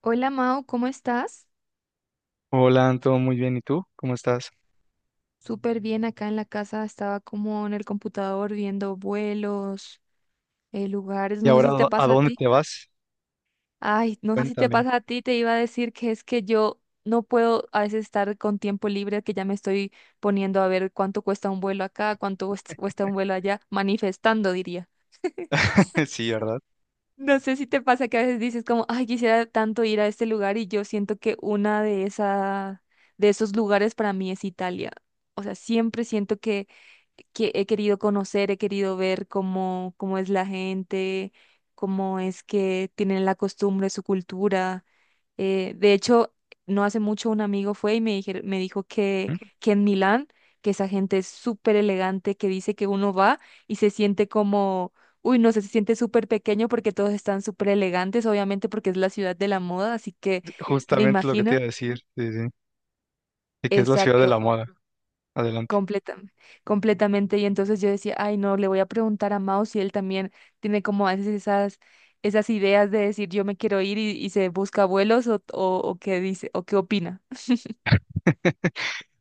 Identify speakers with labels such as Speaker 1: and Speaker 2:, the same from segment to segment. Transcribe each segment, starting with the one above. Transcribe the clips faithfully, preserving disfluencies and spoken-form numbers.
Speaker 1: Hola Mao, ¿cómo estás?
Speaker 2: Hola, Anto, muy bien. ¿Y tú? ¿Cómo estás?
Speaker 1: Súper bien acá en la casa, estaba como en el computador viendo vuelos, eh, lugares,
Speaker 2: ¿Y
Speaker 1: no sé
Speaker 2: ahora a
Speaker 1: si te
Speaker 2: dó- a
Speaker 1: pasa a
Speaker 2: dónde
Speaker 1: ti.
Speaker 2: te vas?
Speaker 1: Ay, no sé si te
Speaker 2: Cuéntame.
Speaker 1: pasa a ti, te iba a decir que es que yo no puedo a veces estar con tiempo libre, que ya me estoy poniendo a ver cuánto cuesta un vuelo acá, cuánto cuest- cuesta un vuelo allá, manifestando, diría.
Speaker 2: Sí, ¿verdad?
Speaker 1: No sé si te pasa que a veces dices como, ay, quisiera tanto ir a este lugar y yo siento que una de esa, de esos lugares para mí es Italia. O sea, siempre siento que, que he querido conocer, he querido ver cómo, cómo es la gente, cómo es que tienen la costumbre, su cultura. Eh, de hecho, no hace mucho un amigo fue y me dijer- me dijo que,
Speaker 2: ¿Mm?
Speaker 1: que en Milán, que esa gente es súper elegante, que dice que uno va y se siente como, uy, no sé, se siente súper pequeño porque todos están súper elegantes, obviamente porque es la ciudad de la moda, así que me
Speaker 2: Justamente lo que te
Speaker 1: imagino,
Speaker 2: iba a decir, sí, sí, de que es la ciudad de
Speaker 1: exacto,
Speaker 2: la moda. Adelante.
Speaker 1: completam- completamente. Y entonces yo decía, ay, no, le voy a preguntar a Mao si él también tiene como a veces esas... esas ideas de decir yo me quiero ir y, y se busca vuelos o, o, o qué dice o qué opina.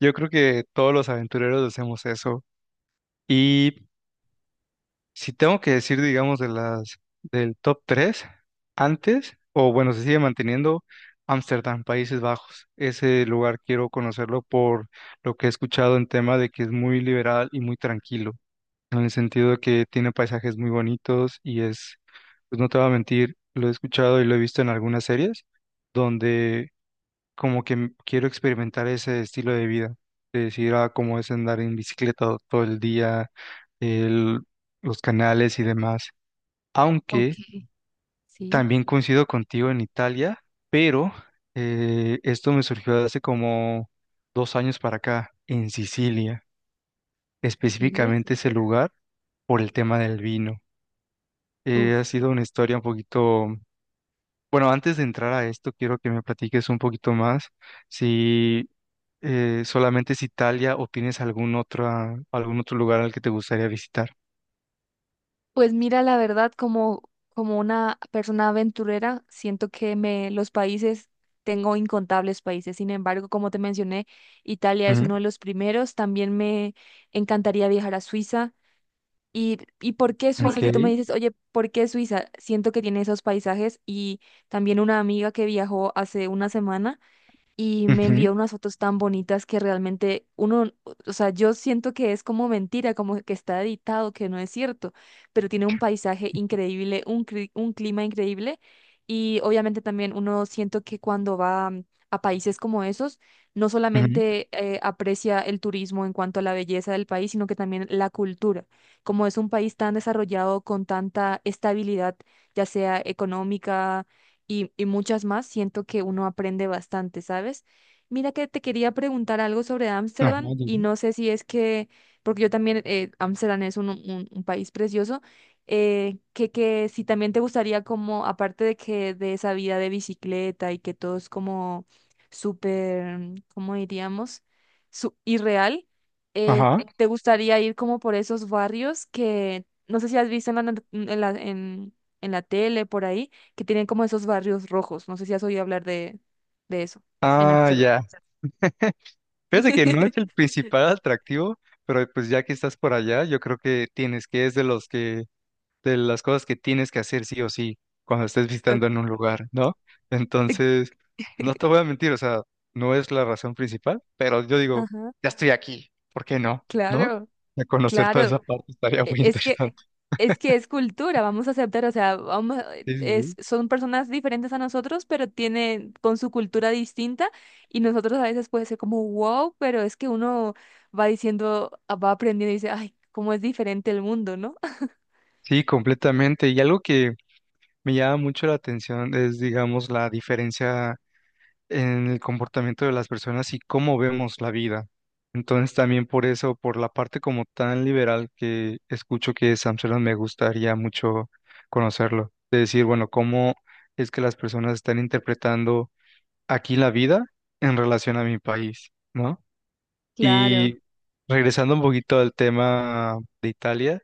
Speaker 2: Yo creo que todos los aventureros hacemos eso. Y si tengo que decir, digamos, de las del top tres, antes, o bueno, se sigue manteniendo Ámsterdam, Países Bajos. Ese lugar quiero conocerlo por lo que he escuchado en tema de que es muy liberal y muy tranquilo, en el sentido de que tiene paisajes muy bonitos y es, pues no te voy a mentir, lo he escuchado y lo he visto en algunas series donde como que m- quiero experimentar ese estilo de vida, de decir, ah, cómo es andar en bicicleta to- todo el día, el- los canales y demás.
Speaker 1: Ok.
Speaker 2: Aunque
Speaker 1: Sí,
Speaker 2: también coincido contigo en Italia, pero eh, esto me surgió hace como dos años para acá, en Sicilia,
Speaker 1: Silvia.
Speaker 2: específicamente ese lugar por el tema del vino. Eh, ha
Speaker 1: Uf.
Speaker 2: sido una historia un poquito... Bueno, antes de entrar a esto, quiero que me platiques un poquito más si eh, solamente es Italia o tienes algún otro, ah, algún otro lugar al que te gustaría visitar.
Speaker 1: Pues mira, la verdad, como, como una persona aventurera, siento que me, los países, tengo incontables países. Sin embargo, como te mencioné, Italia es
Speaker 2: Ujú,
Speaker 1: uno de
Speaker 2: ok.
Speaker 1: los primeros. También me encantaría viajar a Suiza. ¿Y, y por qué Suiza? Si tú me dices, oye, ¿por qué Suiza? Siento que tiene esos paisajes y también una amiga que viajó hace una semana. Y me
Speaker 2: Ujú,
Speaker 1: envió unas fotos tan bonitas que realmente uno, o sea, yo siento que es como mentira, como que está editado, que no es cierto, pero tiene un paisaje increíble, un, cri- un clima increíble y obviamente también uno siento que cuando va mm, a países como esos, no
Speaker 2: ujú.
Speaker 1: solamente eh, aprecia el turismo en cuanto a la belleza del país, sino que también la cultura. Como es un país tan desarrollado con tanta estabilidad, ya sea económica, y, y muchas más, siento que uno aprende bastante, ¿sabes? Mira que te quería preguntar algo sobre
Speaker 2: Ajá,
Speaker 1: Ámsterdam y
Speaker 2: digo.
Speaker 1: no sé si es que, porque yo también, eh, Ámsterdam es un, un- un país precioso, eh, que, que si también te gustaría como, aparte de que de esa vida de bicicleta y que todo es como súper, ¿cómo diríamos? Su, irreal, eh,
Speaker 2: Ajá.
Speaker 1: ¿te gustaría ir como por esos barrios que, no sé si has visto en la, not- en la, en en la tele, por ahí? Que tienen como esos barrios rojos. No sé si has oído hablar de, de eso en
Speaker 2: Ah,
Speaker 1: Ámsterdam.
Speaker 2: ya. Fíjate que no es el principal atractivo, pero pues ya que estás por allá, yo creo que tienes que es de los que de las cosas que tienes que hacer sí o sí cuando estés
Speaker 1: Ok.
Speaker 2: visitando en un lugar, ¿no? Entonces, no te voy a mentir, o sea, no es la razón principal, pero yo digo,
Speaker 1: Ajá,
Speaker 2: ya estoy aquí, ¿por qué no? ¿No?
Speaker 1: claro,
Speaker 2: De conocer toda
Speaker 1: claro.
Speaker 2: esa parte estaría
Speaker 1: E-
Speaker 2: muy
Speaker 1: Es que
Speaker 2: interesante.
Speaker 1: es que es cultura, vamos a aceptar, o sea, vamos, eh,
Speaker 2: Sí, sí,
Speaker 1: es,
Speaker 2: sí.
Speaker 1: son personas diferentes a nosotros, pero tienen con su cultura distinta y nosotros a veces puede ser como wow, pero es que uno va diciendo, ah, va aprendiendo y dice, ay, cómo es diferente el mundo, ¿no?
Speaker 2: Sí, completamente. Y algo que me llama mucho la atención es, digamos, la diferencia en el comportamiento de las personas y cómo vemos la vida. Entonces también por eso, por la parte como tan liberal que escucho que es Amsterdam, me gustaría mucho conocerlo. De decir, bueno, cómo es que las personas están interpretando aquí la vida en relación a mi país, ¿no?
Speaker 1: Claro,
Speaker 2: Y regresando un poquito al tema de Italia,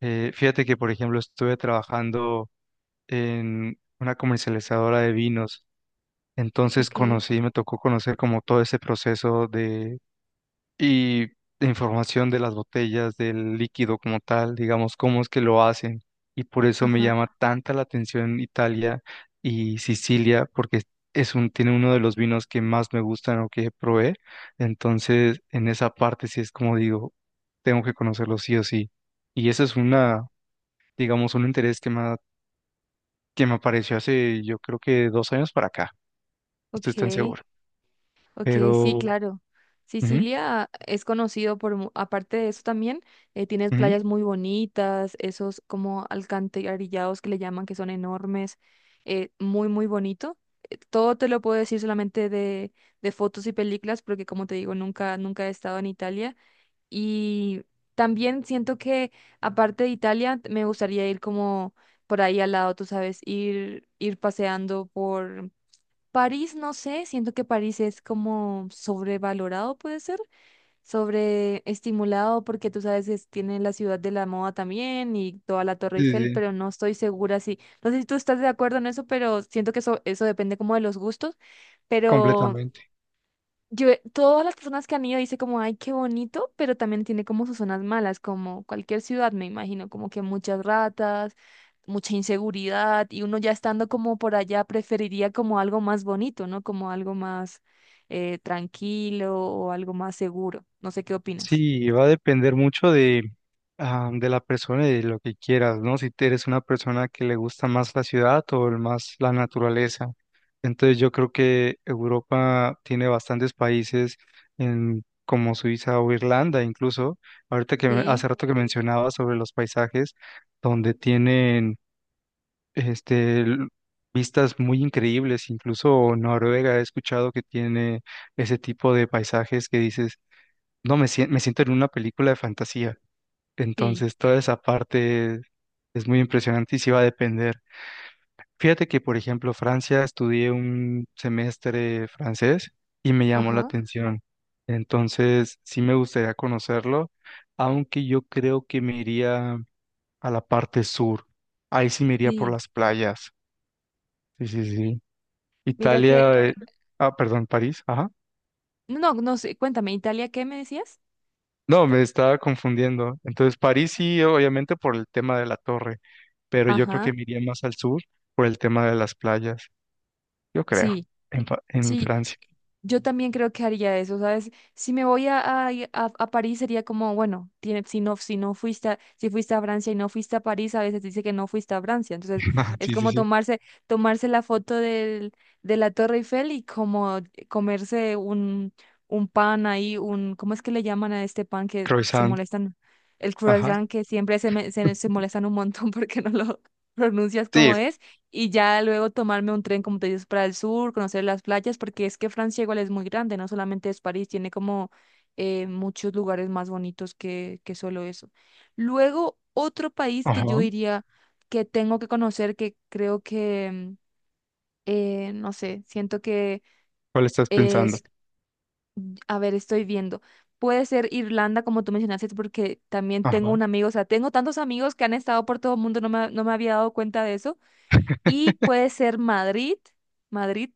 Speaker 2: eh, fíjate que, por ejemplo, estuve trabajando en una comercializadora de vinos, entonces
Speaker 1: ok,
Speaker 2: conocí, me tocó conocer como todo ese proceso de y de información de las botellas, del líquido como tal, digamos, cómo es que lo hacen. Y por eso me
Speaker 1: ajá,
Speaker 2: llama tanta la atención Italia y Sicilia, porque es un, tiene uno de los vinos que más me gustan o que probé. Entonces, en esa parte sí es como digo, tengo que conocerlo sí o sí. Y ese es una, digamos, un interés que me, ha- que me apareció hace, yo creo que dos años para acá. No estoy tan
Speaker 1: ok,
Speaker 2: seguro.
Speaker 1: ok, sí,
Speaker 2: Pero
Speaker 1: claro.
Speaker 2: ujú,
Speaker 1: Sicilia es conocido por, mu- aparte de eso también, eh, tienes
Speaker 2: ujú.
Speaker 1: playas muy bonitas, esos como alcantarillados que le llaman, que son enormes, eh, muy, muy bonito. Todo te lo puedo decir solamente de, de fotos y películas, porque como te digo, nunca, nunca he estado en Italia. Y también siento que, aparte de Italia, me gustaría ir como por ahí al lado, tú sabes, ir, ir paseando París, no sé, siento que París es como sobrevalorado, puede ser, sobreestimulado, porque tú sabes que es- tiene la ciudad de la moda también y toda la Torre
Speaker 2: Sí,
Speaker 1: Eiffel,
Speaker 2: sí,
Speaker 1: pero no estoy segura si, no sé si tú estás de acuerdo en eso, pero siento que eso, eso depende como de los gustos, pero
Speaker 2: completamente.
Speaker 1: yo, eh, todas las personas que han ido dicen como, ay, qué bonito, pero también tiene como sus zonas malas, como cualquier ciudad, me imagino, como que muchas ratas, mucha inseguridad, y uno ya estando como por allá preferiría como algo más bonito, ¿no? Como algo más eh, tranquilo o algo más seguro. No sé qué opinas.
Speaker 2: Sí, va a depender mucho de, ah, de la persona y de lo que quieras, ¿no? Si te eres una persona que le gusta más la ciudad o el más la naturaleza. Entonces yo creo que Europa tiene bastantes países en, como Suiza o Irlanda incluso. Ahorita que me-
Speaker 1: Sí,
Speaker 2: hace rato que mencionaba sobre los paisajes, donde tienen este, l- vistas muy increíbles. Incluso Noruega he escuchado que tiene ese tipo de paisajes que dices, no, me, sien- me siento en una película de fantasía.
Speaker 1: sí,
Speaker 2: Entonces, toda esa parte es muy impresionante y sí va a depender. Fíjate que, por ejemplo, Francia, estudié un semestre francés y me llamó la
Speaker 1: ajá,
Speaker 2: atención. Entonces, sí me gustaría conocerlo, aunque yo creo que me iría a la parte sur. Ahí sí me iría por
Speaker 1: sí.
Speaker 2: las playas. Sí, sí, sí.
Speaker 1: Mira que,
Speaker 2: Italia, eh, ah, perdón, París, ajá.
Speaker 1: no, no sé, cuéntame, ¿Italia qué me decías?
Speaker 2: No, me estaba confundiendo. Entonces, París sí, obviamente por el tema de la torre, pero yo creo que
Speaker 1: Ajá,
Speaker 2: me iría más al sur por el tema de las playas, yo creo,
Speaker 1: sí,
Speaker 2: en, Fa- en
Speaker 1: sí.
Speaker 2: Francia.
Speaker 1: Yo también creo que haría eso, ¿sabes? Si me voy a, a, a- a París sería como, bueno, tiene, si no, si no fuiste a, si fuiste a Francia y no fuiste a París, a veces dice que no fuiste a Francia. Entonces, es
Speaker 2: Sí, sí,
Speaker 1: como
Speaker 2: sí.
Speaker 1: tomarse, tomarse la foto del, de la Torre Eiffel y como comerse un, un pan ahí, un, ¿cómo es que le llaman a este pan que se
Speaker 2: Croissant,
Speaker 1: molestan? El
Speaker 2: ajá.
Speaker 1: croissant que siempre se, me- se, se molestan un montón porque no lo pronuncias
Speaker 2: Sí,
Speaker 1: como es y ya luego tomarme un tren, como te dices, para el sur, conocer las playas, porque es que Francia igual es muy grande, no solamente es París, tiene como eh, muchos lugares más bonitos que, que solo eso. Luego, otro país que yo
Speaker 2: ajá.
Speaker 1: diría que tengo que conocer, que creo que, eh, no sé, siento que
Speaker 2: ¿Cuál estás pensando?
Speaker 1: es, a ver, estoy viendo. Puede ser Irlanda, como tú mencionaste, porque también tengo
Speaker 2: Ajá.
Speaker 1: un amigo, o sea, tengo tantos amigos que han estado por todo el mundo, no me, no me había dado cuenta de eso y puede ser Madrid, Madrid,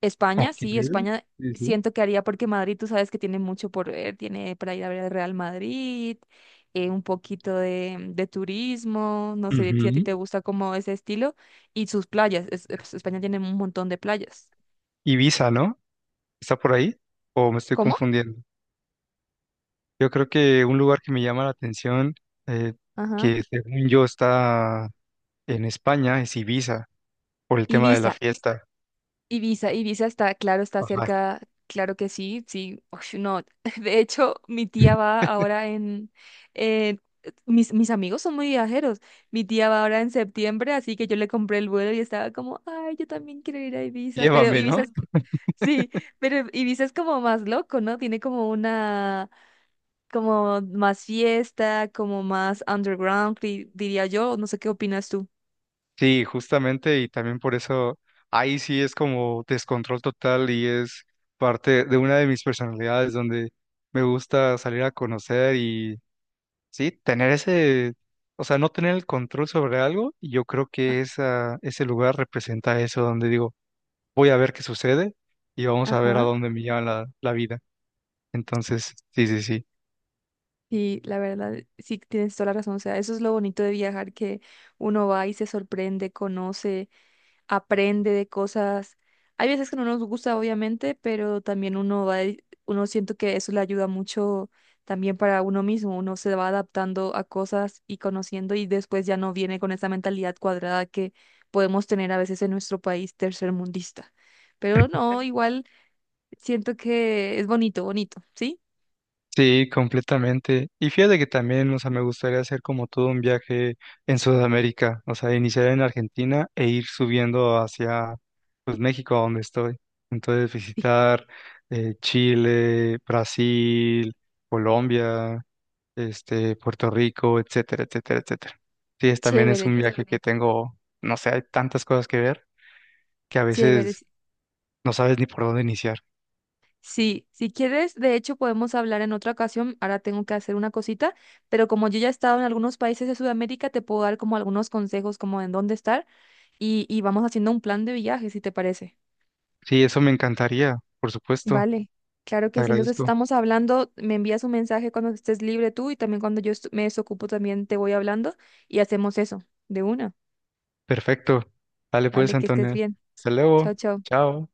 Speaker 1: España,
Speaker 2: Ok.
Speaker 1: sí, España
Speaker 2: Sí, sí.
Speaker 1: siento que haría porque Madrid tú sabes que tiene mucho por ver, tiene para ir a ver el Real Madrid, eh, un poquito de, de turismo, no sé si a ti te
Speaker 2: Ujú.
Speaker 1: gusta como ese estilo, y sus playas, es- es- España tiene un montón de playas.
Speaker 2: Ibiza, ¿no? ¿Está por ahí? ¿O me estoy
Speaker 1: ¿Cómo?
Speaker 2: confundiendo? Yo creo que un lugar que me llama la atención, eh,
Speaker 1: Ajá.
Speaker 2: que según yo está, en España, es Ibiza, por el tema de la
Speaker 1: Ibiza,
Speaker 2: fiesta.
Speaker 1: Ibiza, Ibiza está, claro, está
Speaker 2: Ajá.
Speaker 1: cerca, claro que sí, sí, ush, no. De hecho, mi tía va ahora en, eh, mis, mis amigos son muy viajeros, mi tía va ahora en septiembre, así que yo le compré el vuelo y estaba como, ay, yo también quiero ir a Ibiza, pero
Speaker 2: Llévame, ¿no?
Speaker 1: Ibiza es, sí, pero Ibiza es como más loco, ¿no? Tiene como una, como más fiesta, como más underground, di- diría yo, no sé qué opinas tú.
Speaker 2: Sí, justamente, y también por eso ahí sí es como descontrol total y es parte de una de mis personalidades donde me gusta salir a conocer y sí, tener ese, o sea, no tener el control sobre algo, y yo creo
Speaker 1: Ah,
Speaker 2: que esa, ese lugar representa eso, donde digo, voy a ver qué sucede y vamos a ver a
Speaker 1: ajá.
Speaker 2: dónde me lleva la, la vida. Entonces, sí, sí, sí.
Speaker 1: Sí, la verdad, sí tienes toda la razón. O sea, eso es lo bonito de viajar, que uno va y se sorprende, conoce, aprende de cosas. Hay veces que no nos gusta, obviamente, pero también uno va, y- uno siento que eso le ayuda mucho también para uno mismo. Uno se va adaptando a cosas y conociendo y después ya no viene con esa mentalidad cuadrada que podemos tener a veces en nuestro país tercermundista. Pero no, igual siento que es bonito, bonito, ¿sí?
Speaker 2: Sí, completamente. Y fíjate que también, o sea, me gustaría hacer como todo un viaje en Sudamérica, o sea, iniciar en Argentina e ir subiendo hacia, pues, México, a donde estoy. Entonces,
Speaker 1: Sí.
Speaker 2: visitar eh, Chile, Brasil, Colombia, este, Puerto Rico, etcétera, etcétera, etcétera. Sí, es, también es
Speaker 1: Chévere,
Speaker 2: un viaje que tengo, no sé, hay tantas cosas que ver que a
Speaker 1: chévere.
Speaker 2: veces no sabes ni por dónde iniciar.
Speaker 1: Sí, si quieres, de hecho podemos hablar en otra ocasión. Ahora tengo que hacer una cosita, pero como yo ya he estado en algunos países de Sudamérica, te puedo dar como algunos consejos como en dónde estar y, y vamos haciendo un plan de viaje, si te parece.
Speaker 2: Sí, eso me encantaría, por supuesto.
Speaker 1: Vale, claro
Speaker 2: Te
Speaker 1: que sí. Entonces
Speaker 2: agradezco.
Speaker 1: estamos hablando, me envías un mensaje cuando estés libre tú y también cuando yo estu- me desocupo también te voy hablando y hacemos eso de una.
Speaker 2: Perfecto. Dale pues,
Speaker 1: Vale, que estés
Speaker 2: Antonio.
Speaker 1: bien.
Speaker 2: Hasta
Speaker 1: Chao,
Speaker 2: luego.
Speaker 1: chao.
Speaker 2: Chao.